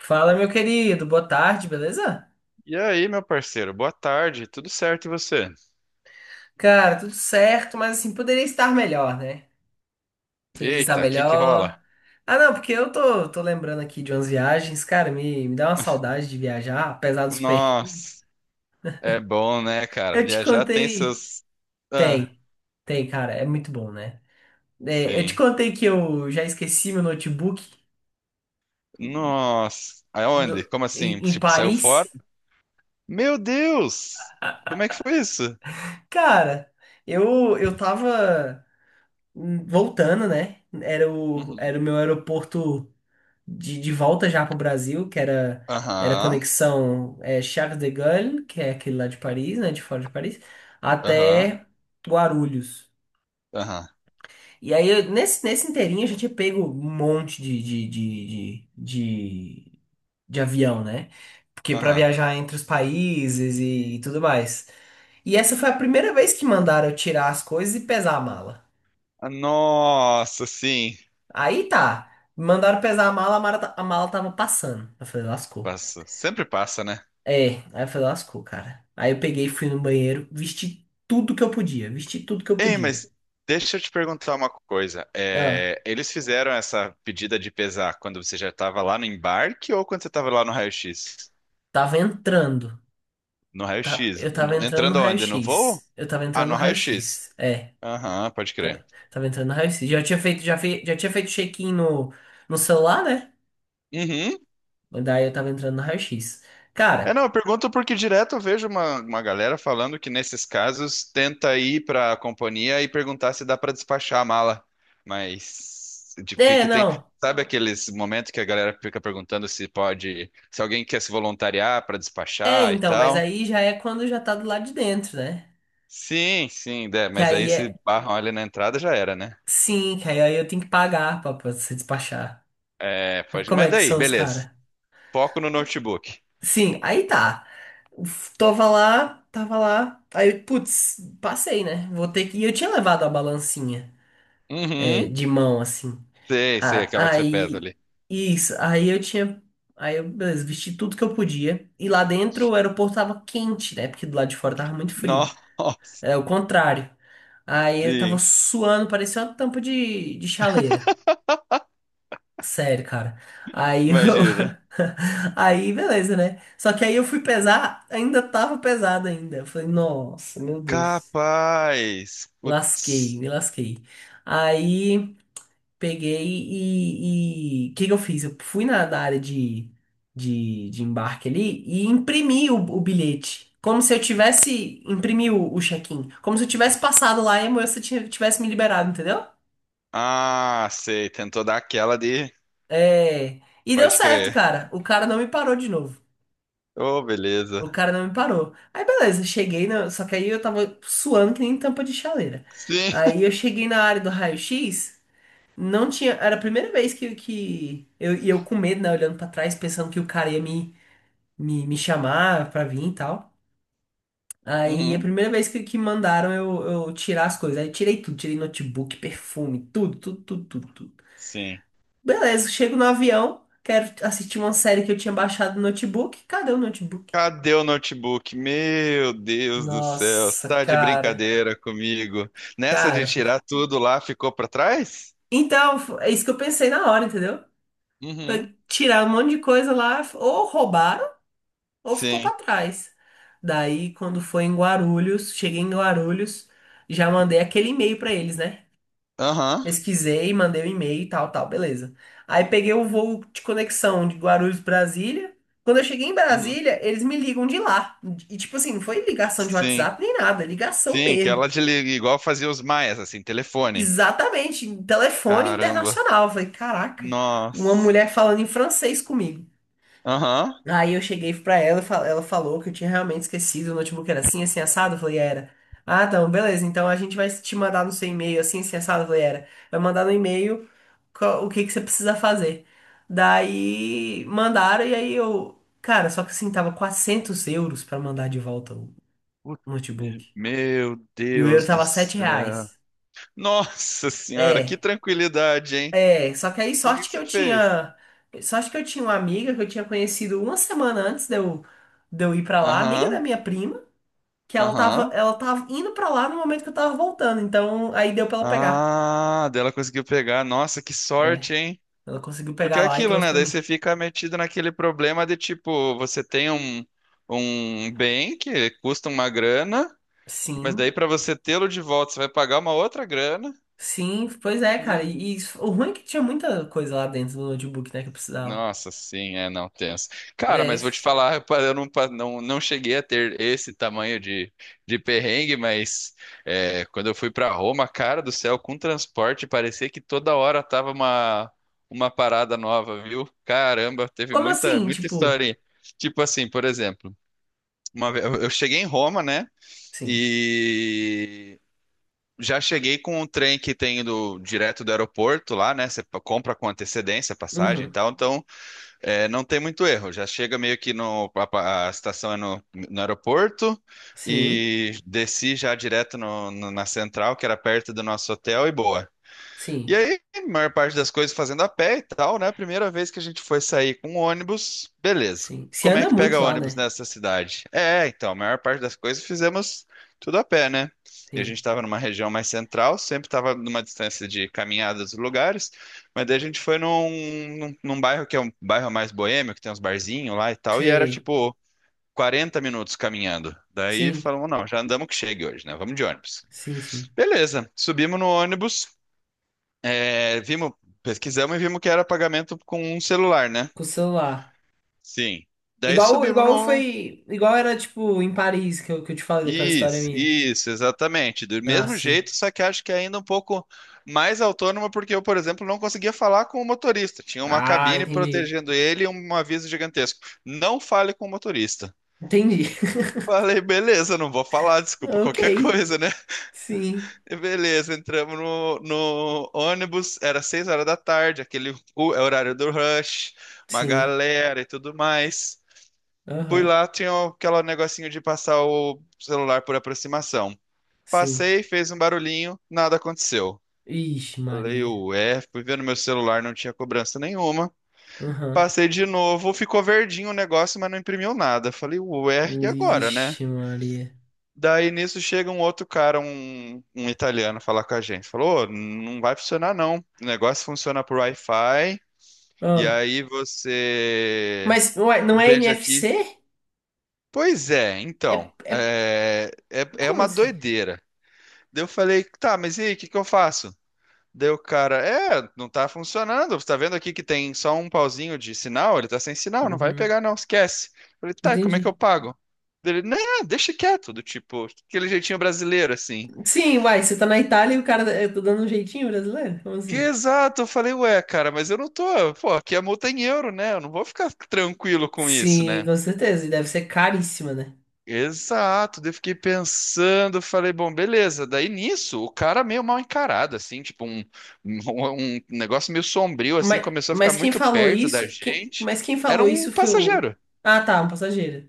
Fala, meu querido, boa tarde, beleza? E aí, meu parceiro, boa tarde, tudo certo e você? Cara, tudo certo, mas assim, poderia estar melhor, né? Poderia estar Eita, o que que melhor. rola? Ah, não, porque eu tô lembrando aqui de umas viagens, cara, me dá uma saudade de viajar, apesar dos perrengues. Nossa, é bom, né, cara? Eu te Viajar tem contei. seus. Ah, Tem, tem, cara, é muito bom, né? É, eu te sim. contei que eu já esqueci meu notebook Nossa, aonde? Como assim? em Tipo, saiu fora? Paris. Meu Deus! Como é que foi isso? Cara, eu tava voltando, né? Era o, Uhum. era o meu aeroporto de volta já pro Brasil, que era Aham, conexão Charles de Gaulle, que é aquele lá de Paris, né, de fora de Paris, aham, até Guarulhos. aham, E aí, nesse inteirinho, a gente tinha pego um monte de, de avião, né? Porque para aham. viajar entre os países e tudo mais. E essa foi a primeira vez que mandaram eu tirar as coisas e pesar a mala. Ah, nossa, sim. Aí tá, mandaram pesar a mala tava passando. Eu falei, lascou. Passa. Sempre passa, né? É, aí eu falei, lascou, cara. Aí eu peguei, fui no banheiro, vesti tudo que eu podia, vesti tudo que eu Ei, podia. mas deixa eu te perguntar uma coisa. Ah, É, eles fizeram essa pedida de pesar quando você já estava lá no embarque ou quando você estava lá no raio-x? tava entrando, No tá, raio-x. No- Entrando aonde? No voo? Eu tava Ah, entrando no no raio-x. raio-x, Aham, pode tava, crer. tava entrando no raio-x. Já tinha feito check-in no celular, né? Uhum. Mas daí eu tava entrando no raio-x. É, Cara, não, eu pergunto porque direto eu vejo uma galera falando que nesses casos tenta ir para a companhia e perguntar se dá para despachar a mala. Mas de é, que tem, não, sabe aqueles momentos que a galera fica perguntando se pode, se alguém quer se voluntariar para é despachar e então, mas tal? aí já é quando já tá do lado de dentro, né? Sim, sim, é, Que mas aí aí se é, barram ali na entrada já era, né? sim, que aí eu tenho que pagar pra se despachar. É, pode, Como mas é que daí, são os beleza. caras? Foco no notebook. Sim, aí tá. Uf, tava lá, tava lá. Aí, putz, passei, né? Vou ter que. E eu tinha levado a balancinha Uhum. de mão, assim. Sei, sei, aquela que você pesa Aí, ali. isso. Aí eu tinha. Aí eu, beleza, vesti tudo que eu podia. E lá dentro o aeroporto tava quente, né? Porque do lado de fora tava muito frio. Nossa, É o contrário. Aí eu tava sim, suando, parecia uma tampa de chaleira. Sério, cara. Aí eu. imagina. Aí, beleza, né? Só que aí eu fui pesar, ainda tava pesado ainda. Eu falei, nossa, meu Deus. Capaz. Lasquei, Putz. me lasquei. Aí peguei e. O que que eu fiz? Eu fui na área de embarque ali e imprimi o bilhete. Como se eu tivesse. Imprimi o check-in. Como se eu tivesse passado lá e a moça tivesse me liberado, entendeu? Ah, sei. Tentou dar aquela de. É. E deu Pode certo, crer. cara. O cara não me parou de novo. Oh, O beleza. cara não me parou. Aí beleza, cheguei na. Só que aí eu tava suando que nem tampa de chaleira. Sim. Aí eu cheguei na área do raio-x, não tinha. Era a primeira vez que e eu com medo, né? Olhando pra trás, pensando que o cara ia me chamar pra vir e tal. Aí a Uhum. primeira vez que mandaram eu tirar as coisas. Aí eu tirei tudo, tirei notebook, perfume, tudo, tudo, tudo, tudo, tudo. Sim. Beleza, chego no avião, quero assistir uma série que eu tinha baixado no notebook. Cadê o notebook? Cadê o notebook? Meu Deus do céu. Você Nossa, tá de cara. brincadeira comigo. Nessa Cara, de tirar tudo lá, ficou pra trás? então, é isso que eu pensei na hora, entendeu? Uhum. Foi tirar um monte de coisa lá, ou roubaram, ou ficou Sim. pra trás. Daí, quando foi em Guarulhos, cheguei em Guarulhos, já mandei aquele e-mail pra eles, né? Aham. Pesquisei, mandei o e-mail e tal, tal, beleza. Aí peguei o voo de conexão de Guarulhos, Brasília. Quando eu cheguei em Uhum. Brasília, eles me ligam de lá. E, tipo assim, não foi ligação de Sim. WhatsApp nem nada, é ligação Sim, que mesmo. ela desliga, igual fazia os maias, assim, telefone. Exatamente, em telefone Caramba. internacional. Eu falei, caraca, uma Nossa. mulher falando em francês comigo. Aham. Aí eu cheguei pra ela, e ela falou que eu tinha realmente esquecido, o notebook era assim, assim, assado. Eu falei, era. Ah, então, beleza, então a gente vai te mandar no seu e-mail assim, assim, assado. Eu falei, era. Vai mandar no e-mail o que que você precisa fazer. Daí mandaram, e aí eu. Cara, só que assim, tava € 400 pra mandar de volta o Putz, me- notebook. Meu E o euro Deus do tava 7 céu. reais. Nossa senhora, que É. tranquilidade, hein? É, só que aí E o que sorte que que você eu fez? tinha. Sorte que eu tinha uma amiga que eu tinha conhecido uma semana antes de eu, ir pra lá, amiga da Aham, minha prima, que ela tava, aham. ela tava indo pra lá no momento que eu tava voltando. Então aí deu pra ela pegar. Ah, dela conseguiu pegar. Nossa, que É, sorte, hein? ela conseguiu Porque pegar é lá e aquilo, trouxe né? pra Daí você mim. fica metido naquele problema de tipo, você tem um, um bem que custa uma grana, mas daí Sim, pra você tê-lo de volta, você vai pagar uma outra grana. sim, pois é, cara. E o ruim é que tinha muita coisa lá dentro do notebook, né, que eu precisava. Nossa, sim, é não tenso. Cara, É. mas vou te falar, eu não cheguei a ter esse tamanho de perrengue, mas é, quando eu fui para Roma, cara do céu, com transporte, parecia que toda hora tava uma parada nova, viu? Caramba, teve Como muita, assim? muita Tipo, historinha. Tipo assim, por exemplo, uma vez, eu cheguei em Roma, né? sim. E já cheguei com um trem que tem do direto do aeroporto lá, né? Você compra com antecedência a passagem e Uhum. tal, então. É, não tem muito erro. Já chega meio que no. A estação é no aeroporto Sim, e desci já direto na central, que era perto do nosso hotel, e boa. E sim, aí, a maior parte das coisas fazendo a pé e tal, né? Primeira vez que a gente foi sair com um ônibus, beleza. sim. Se Como é anda que pega muito lá, ônibus né? nessa cidade? É, então, a maior parte das coisas fizemos tudo a pé, né? E a gente Sim. estava numa região mais central, sempre estava numa distância de caminhada dos lugares, mas daí a gente foi num bairro que é um bairro mais boêmio, que tem uns barzinhos lá e tal, e era Sei. tipo 40 minutos caminhando. Daí Sim. falamos, não, já andamos que chegue hoje, né? Vamos de ônibus. Sim, sim. Beleza, subimos no ônibus. É, vimos, pesquisamos e vimos que era pagamento com um celular, né? Com o celular. Sim. Daí Igual, subimos igual no. foi. Igual era, tipo, em Paris que eu te falei daquela história Isso, minha. isso, exatamente. Do Ah, mesmo sim. jeito, só que acho que ainda um pouco mais autônoma, porque eu, por exemplo, não conseguia falar com o motorista. Tinha uma Ah, cabine entendi. protegendo ele e um aviso gigantesco. Não fale com o motorista. Entendi. Falei, beleza, não vou falar, desculpa Ok. qualquer coisa, né? Sim. Beleza, entramos no ônibus, era 6 horas da tarde, aquele o- é o horário do rush, uma Sim. galera e tudo mais. Fui Aham. lá, tinha aquele negocinho de passar o celular por aproximação. Sim. Passei, fez um barulhinho, nada aconteceu. Ixi, Falei, Maria. ué, fui ver no meu celular, não tinha cobrança nenhuma. Aham. Passei de novo, ficou verdinho o negócio, mas não imprimiu nada. Falei, ué, e agora, né? Ixi, Maria. Daí nisso chega um outro cara, um italiano, falar com a gente. Falou: "Ô, não vai funcionar não. O negócio funciona por Wi-Fi. E Ah. aí você. Mas ué, não é Veja aqui. NFC? Pois é, É, então. é... É Como uma assim? doideira. Daí eu falei: tá, mas e aí, o que que eu faço? Daí o cara: é, não tá funcionando. Você tá vendo aqui que tem só um pauzinho de sinal? Ele tá sem sinal, não vai Uhum. pegar não, esquece. Eu falei: tá, e como é que eu Entendi. pago? Daí ele: não, deixa quieto, do tipo, aquele jeitinho brasileiro assim. Sim, uai, você tá na Itália e o cara. Eu tô dando um jeitinho brasileiro? Como Que assim? exato, eu falei, ué, cara, mas eu não tô, pô, aqui a multa é em euro, né? Eu não vou ficar tranquilo com isso, Sim, né? com certeza. E deve ser caríssima, né? Exato, daí eu fiquei pensando, falei, bom, beleza. Daí nisso, o cara meio mal encarado, assim, tipo um, um, um negócio meio sombrio, assim, Mas, começou a ficar mas quem muito falou perto da isso? Gente. Mas quem Era falou um isso foi o. passageiro, Ah, tá, um passageiro.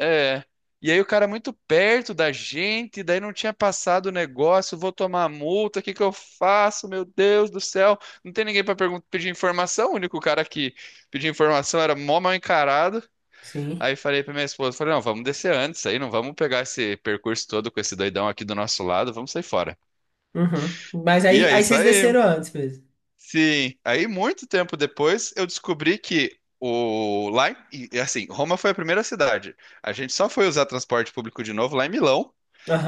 é. E aí o cara é muito perto da gente, daí não tinha passado o negócio, vou tomar multa, o que que eu faço? Meu Deus do céu. Não tem ninguém para pedir informação, o único cara que pedia informação era mó mal encarado. Sim. Aí falei pra minha esposa, falei, não, vamos descer antes aí, não vamos pegar esse percurso todo com esse doidão aqui do nosso lado, vamos sair fora. Uhum. Mas E aí, aí aí vocês saí. desceram antes mesmo. Sim. Aí muito tempo depois eu descobri que o lá, em- e assim, Roma foi a primeira cidade. A gente só foi usar transporte público de novo lá em Milão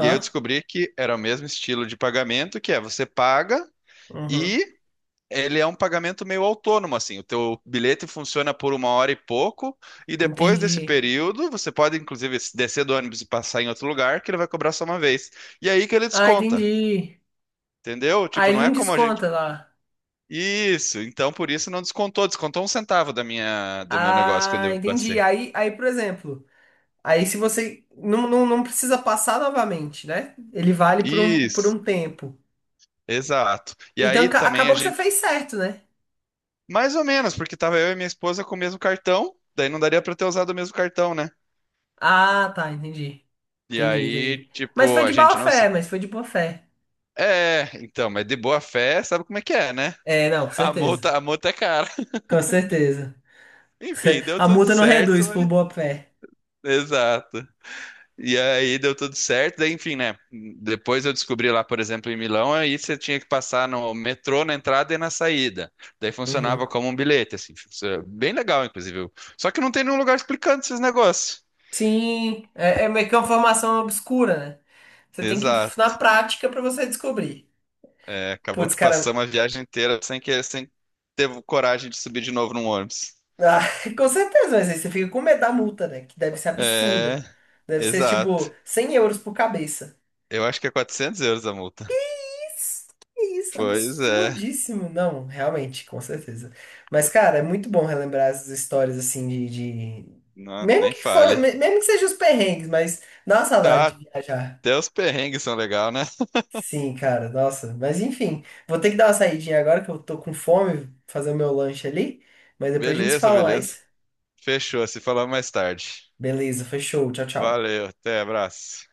e aí eu descobri que era o mesmo estilo de pagamento, que é você paga Uhum. e ele é um pagamento meio autônomo, assim. O teu bilhete funciona por uma hora e pouco, e depois desse Entendi. período, você pode, inclusive, descer do ônibus e passar em outro lugar, que ele vai cobrar só uma vez. E aí que ele Ah, desconta, entendi. entendeu? Aí Tipo, ele não não é como a gente. desconta lá. Isso, então por isso não descontou, descontou um centavo da minha, do meu negócio quando Ah, eu entendi. passei. Aí, por exemplo, aí se você não precisa passar novamente, né? Ele vale por um, por Isso, um tempo. exato. E Então aí também a acabou que você gente fez certo, né? mais ou menos, porque tava eu e minha esposa com o mesmo cartão, daí não daria pra ter usado o mesmo cartão, né? Ah, tá, entendi. E Entendi, aí, entendi. Mas foi tipo, a de boa gente não se. fé, mas foi de boa fé. É, então, mas de boa fé, sabe como é que é, né? É, não, com certeza. A multa é cara. Com certeza. Enfim, deu A tudo multa não certo, reduz por mas... boa fé. Exato. E aí deu tudo certo, daí, enfim, né? Depois eu descobri lá, por exemplo, em Milão, aí você tinha que passar no metrô na entrada e na saída. Daí Uhum. funcionava como um bilhete, assim, bem legal, inclusive. Só que não tem nenhum lugar explicando esses negócios. Sim, é meio que uma formação obscura, né? Você tem que ir na Exato. prática pra você descobrir. É, acabou Putz, que cara, passamos a viagem inteira sem ter coragem de subir de novo num ônibus. ah, com certeza, mas aí você fica com medo da multa, né? Que deve ser absurda. É, Deve ser exato. tipo € 100 por cabeça. Eu acho que é 400 euros a multa. Que isso, Pois é, absurdíssimo. Não, realmente, com certeza. Mas, cara, é muito bom relembrar essas histórias assim de- não, mesmo nem que for, fale. Mesmo que sejam os perrengues, mas dá uma saudade Ah, de viajar. até os perrengues são legal, né? Sim, cara, nossa. Mas enfim, vou ter que dar uma saidinha agora que eu tô com fome, fazer o meu lanche ali. Mas depois a gente se Beleza, fala beleza. mais. Fechou, se falamos mais tarde. Beleza, fechou. Tchau, tchau. Valeu, até, abraço.